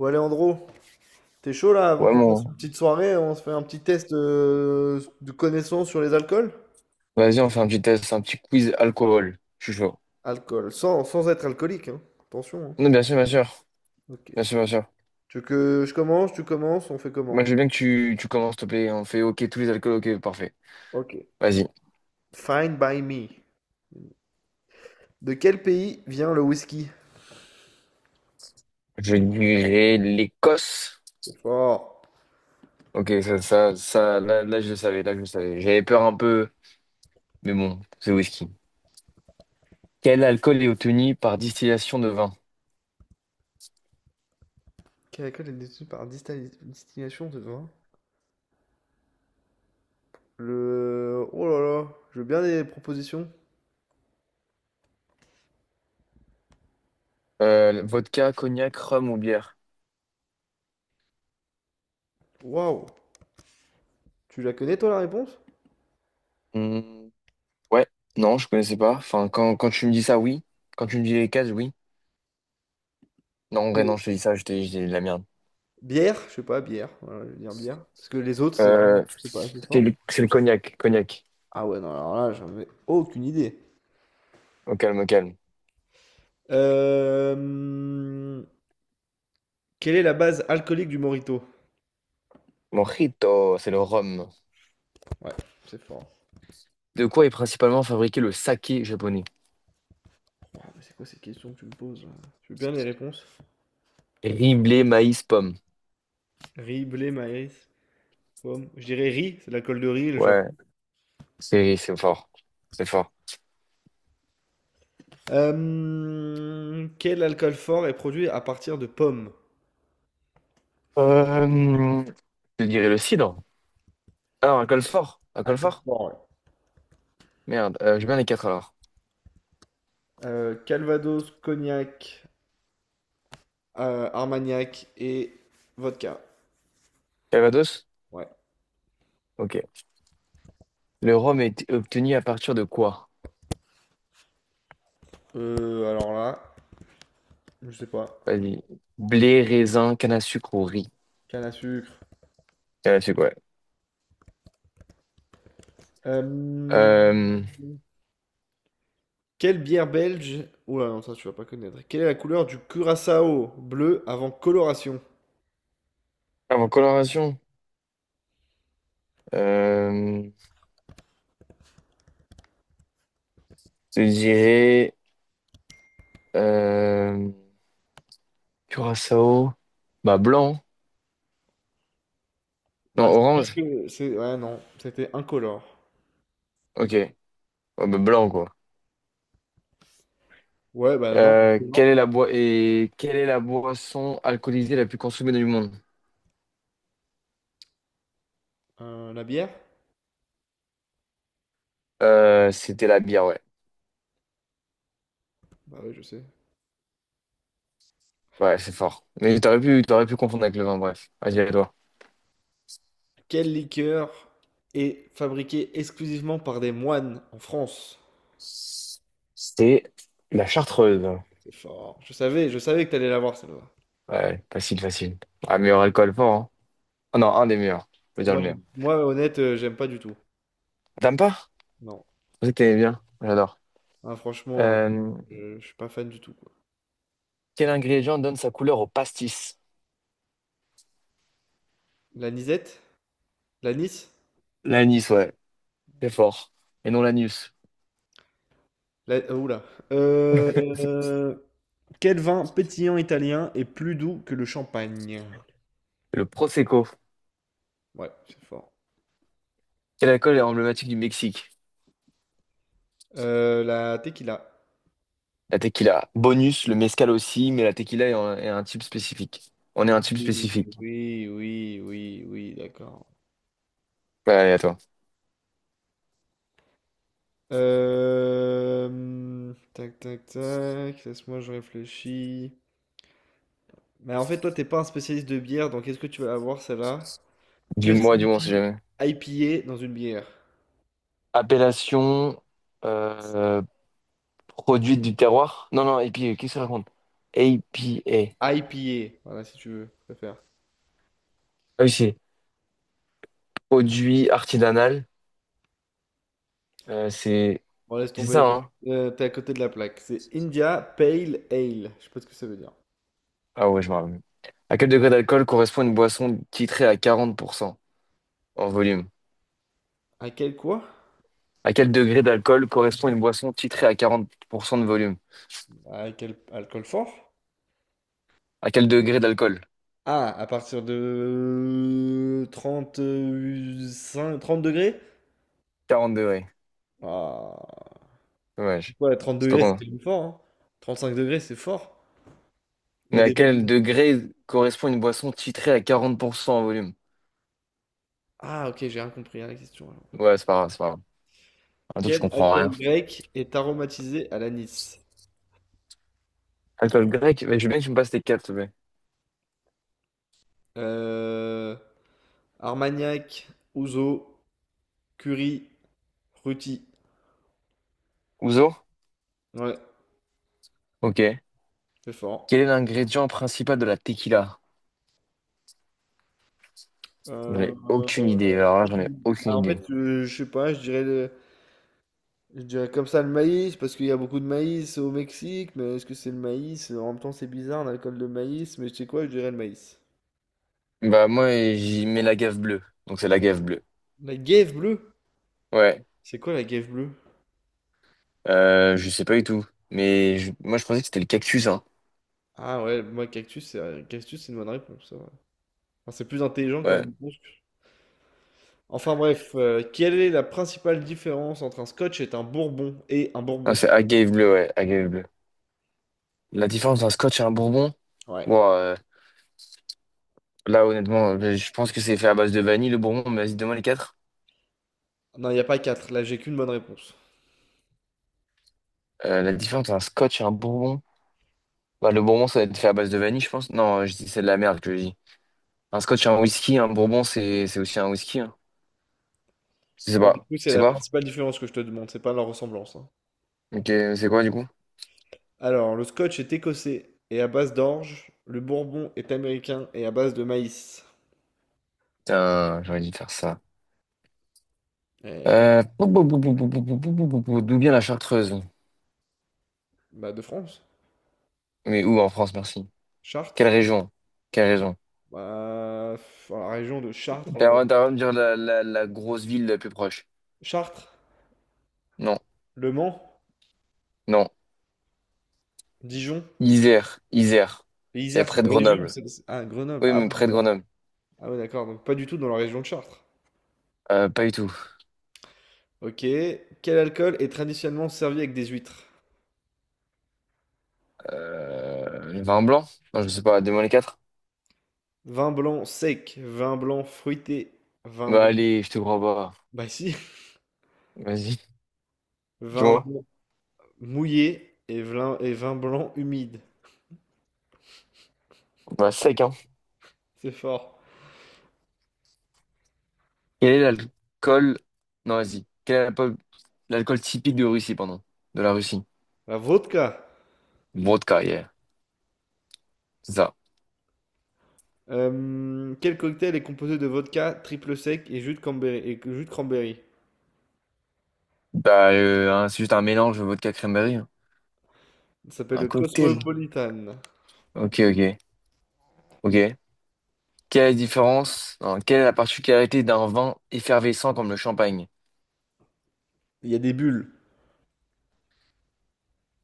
Ouais, Léandro, t'es chaud là avant Ouais, qu'on fasse mon. une petite soirée, on se fait un petit test de connaissance sur les alcools? Vas-y, on fait un petit test, un petit quiz alcool. Je suis chaud. Alcool, sans être alcoolique, hein. Attention, hein. Non, bien sûr, bien sûr. Ok. Bien sûr, bien sûr. Tu veux que je commence, tu commences, on fait Moi, comment? je veux bien que tu commences, s'il te plaît. On fait OK, tous les alcools, OK, parfait. Ok. Vas-y. Fine by me. De quel pays vient le whisky? Je dirais l'Écosse. C'est fort. OK, ça, je le savais, là, je le savais. J'avais peur un peu, mais bon, c'est whisky. Quel alcool est obtenu par distillation de vin? Quel alcool est détenu par distillation de vin? Le... Oh là là, je veux bien des propositions. Vodka, cognac, rhum ou bière? Waouh. Tu la connais toi la réponse? Hmm, ouais, non, je connaissais pas. Enfin, quand tu me dis ça, oui. Quand tu me dis les cases, oui. Non, en vrai, non, Oui. je te dis ça, je te dis de la merde. Bière, je sais pas, bière. Voilà, je vais dire bière. Parce que les autres, c'est Euh, c'est pas assez C'est fort. le, c'est le cognac, cognac. Ah ouais, non, alors là, j'en ai aucune idée. Au calme, au calme. Euh, Quelle est la base alcoolique du Morito? Mojito, c'est le rhum. Ouais, c'est fort. De quoi est principalement fabriqué le saké japonais? Oh, mais c'est quoi ces questions que tu me poses là? Tu veux bien les réponses? Riz, blé, maïs, pomme. Riz, blé, maïs, pomme. Je dirais riz, c'est l'alcool de riz, le Ouais, Japon. c'est fort. C'est fort. Quel alcool fort est produit à partir de pommes? Euh, Je dirais le cidre. Alors, alcool fort. Alcool Alcool fort? fort, ouais. Merde, j'ai bien les quatre alors. Calvados, cognac, Armagnac et vodka. Calvados? Ouais. Ok. Le rhum est obtenu à partir de quoi? Alors là, je sais pas. Vas-y. Blé, raisin, canne à sucre ou riz? Canne à sucre. Canne à sucre, ouais. Euh, Euh, Quelle bière belge? Oula, non, ça tu vas pas connaître. Quelle est la couleur du curaçao bleu avant coloration? Avant coloration, euh, je dirais. Euh, Curaçao. Bah blanc. Non, Bah, c'est presque. orange. C'est... Ouais, non, c'était incolore. Ok. Ouais, bah, blanc quoi. Ouais, bah non, incolore. Quelle est la boi- et quelle est la boisson alcoolisée la plus consommée du monde? La bière? C'était la bière, ouais. Bah oui, je sais. Ouais, c'est fort. Mais t'aurais pu confondre avec le vin, bref. Vas-y, à toi. Quelle liqueur est fabriquée exclusivement par des moines en France? C'était la chartreuse. C'est fort. Je savais que t'allais l'avoir celle-là. Ouais, facile, facile. Ah, meilleur alcool fort, hein. Ah non, un des meilleurs. Je veux dire le meilleur. Moi, honnête, j'aime pas du tout. T'aimes pas? Non. Je pensais que t'aimais bien. J'adore. Ah, franchement, Euh, je suis pas fan du tout, quoi. Quel ingrédient donne sa couleur au pastis? La Nisette? La Nice? L'anis, ouais. C'est fort. Et non l'anus. La... Oula. Euh... Quel vin pétillant italien est plus doux que le champagne? Le Prosecco. Ouais, c'est fort. Quel alcool est emblématique du Mexique? La tequila. La tequila. Bonus, le mezcal aussi, mais la tequila est un type spécifique. On est Oui, un type spécifique. oui, oui, oui, oui, d'accord. Ouais, allez, à toi. Tac, tac, tac. Laisse-moi, je réfléchis. Mais en fait, toi, t'es pas un spécialiste de bière, donc est-ce que tu vas avoir celle-là? Que Dis-moi, dis-moi, on sait signifie jamais. IPA dans une bière? Appellation euh, produit du terroir. Non, non, APA, qu'est-ce que ça raconte? APA. IPA, voilà, si tu veux, je préfère. Ah oui, c'est produit artisanal. Euh, c'est Bon, c'est ça, hein? T'es à côté de la plaque. C'est India Pale Ale. Je sais pas ce que ça veut dire. Ah ouais, je me rappelle. À quel degré d'alcool correspond une boisson titrée à 40% en volume? À quel quoi? À quel degré d'alcool correspond une boisson titrée à 40% de volume? À quel alcool fort? À quel degré d'alcool? Ah, à partir de 35, 30 degrés? 40 degrés. Ah, Dommage. ouais, 30 C'est pas degrés, c'est con. quand même fort, hein. Cinq degrés, c'est fort. Il y a Mais à des quel degrés. degré correspond une boisson titrée à 40% en volume? Ah, ok, j'ai rien compris à la question alors. Ouais, c'est pas grave. Attends, tu Quel comprends rien. alcool grec est aromatisé à l'anis? Alcool grec? Mais je veux bien que tu me passes tes quatre, s'il te plaît. Euh, Armagnac, Ouzo, Curie, Ruti. Ouzo? Ouais, Ok. c'est fort. Quel est l'ingrédient principal de la tequila? J'en Euh, ai aucune idée. euh, Alors là, j'en ai aucune Bah, en idée. fait, je sais pas, Je dirais comme ça le maïs, parce qu'il y a beaucoup de maïs au Mexique, mais est-ce que c'est le maïs? En même temps, c'est bizarre, un alcool de maïs, mais tu sais quoi, je dirais le maïs. Bah, moi, j'y mets la gaffe bleue. Donc, c'est la gaffe bleue. La guêpe bleue? Ouais. C'est quoi la guêpe bleue? Je sais pas du tout. Mais moi, je pensais que c'était le cactus, hein. Ah ouais, moi, cactus, c'est une bonne réponse, ça va. Enfin, c'est plus intelligent comme Ouais. réponse que... Enfin bref, quelle est la principale différence entre un scotch et un bourbon? Et un Non, bourbon? c'est agave bleu, ouais, agave bleu. La différence d'un scotch et un bourbon, Ouais. bon, là honnêtement, je pense que c'est fait à base de vanille le bourbon, mais vas-y, donne-moi les quatre. Non, il n'y a pas quatre, là, j'ai qu'une bonne réponse. La différence d'un scotch et un bourbon, bah, le bourbon ça va être fait à base de vanille, je pense. Non, c'est de la merde que je dis. Un scotch et un whisky, un bourbon c'est aussi un whisky. Hein. Je sais Ouais, du pas. coup, c'est C'est la quoi? principale différence que je te demande, c'est pas leur ressemblance, hein. Ok, c'est quoi du coup? Alors, le scotch est écossais et à base d'orge. Le bourbon est américain et à base de maïs. Putain, j'aurais dû faire ça. Eh ouais. Pou- pou- pou- pou- pou- pou- pou- pou- pou- pou- pou- D'où vient la Chartreuse? Bah, de France. Mais où en France, merci. Quelle Chartres. région? Quelle région? Bah, pff, la région de T'as Chartres, t'as le droit de me dire la grosse ville la plus proche. Chartres. Non, Le Mans. non. Dijon. Isère, Isère. Et C'est Isère, c'est près une de région, Grenoble. Ah, Grenoble. Oui, Ah mais oui, près de d'accord. Grenoble. Ah ouais, d'accord. Donc, pas du tout dans la région de Chartres. Pas du tout. Ok. Quel alcool est traditionnellement servi avec des huîtres? Le vin blanc? Non, je sais pas, donne-moi les quatre. Vin blanc sec. Vin blanc fruité. Vin Bah blanc. allez, je te crois pas. Bah, si. Vas-y, Vin dis-moi. blanc mouillé et vin blanc humide. Bah sec, hein. C'est fort. Quel est l'alcool? Non, vas-y. Quel est l'alcool typique de Russie, pardon? De la Russie. La vodka. Vodka, yeah. C'est ça. Quel cocktail est composé de vodka, triple sec et jus de cranberry? Bah, hein, c'est juste un mélange de vodka cranberry, hein. Ça s'appelle Un le cocktail. Cosmopolitan. Ok, ok, ok. Quelle est la différence? Non, quelle est la particularité d'un vin effervescent comme le champagne? Il y a des bulles.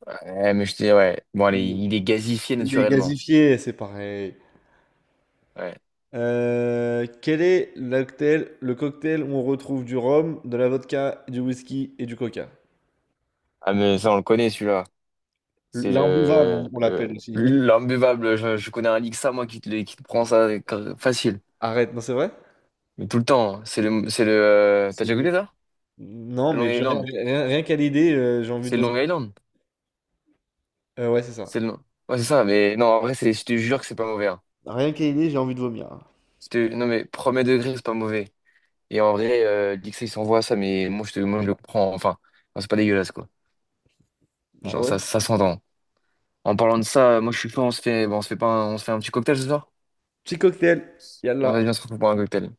Ouais, mais je dis, ouais. Bon, allez, Il, il est gazifié il est naturellement. gazifié, c'est pareil. Ouais. Quel est le cocktail où on retrouve du rhum, de la vodka, du whisky et du coca? Ah, mais ça, on le connaît, celui-là. C'est L'imbuvable, le, on le- l'appelle aussi. L'imbuvable. Je connais un Lixa, moi, qui te prend ça facile. Arrête, non, c'est vrai? Mais tout le temps, hein. T'as C'est déjà le... goûté ça? Le Long Island. Rien qu'à l'idée, j'ai envie C'est de le Long vomir. Island. Ouais, c'est ça. C'est le, ouais, c'est ça. Mais non, en vrai, c'est, je te jure que c'est pas mauvais, hein. Rien qu'à l'idée, j'ai envie de vomir. Non, mais premier degré, c'est pas mauvais. Et en vrai, Lixa, il s'envoie ça, mais moi, je le prends. Enfin, non, c'est pas dégueulasse, quoi. Ah Genre, ça, ouais? ça s'entend. En parlant de ça, moi je suis chaud, on se fait, bon, on se fait pas un, on se fait un petit cocktail ce soir? Petit cocktail. On Yallah. va bien se retrouver pour un cocktail.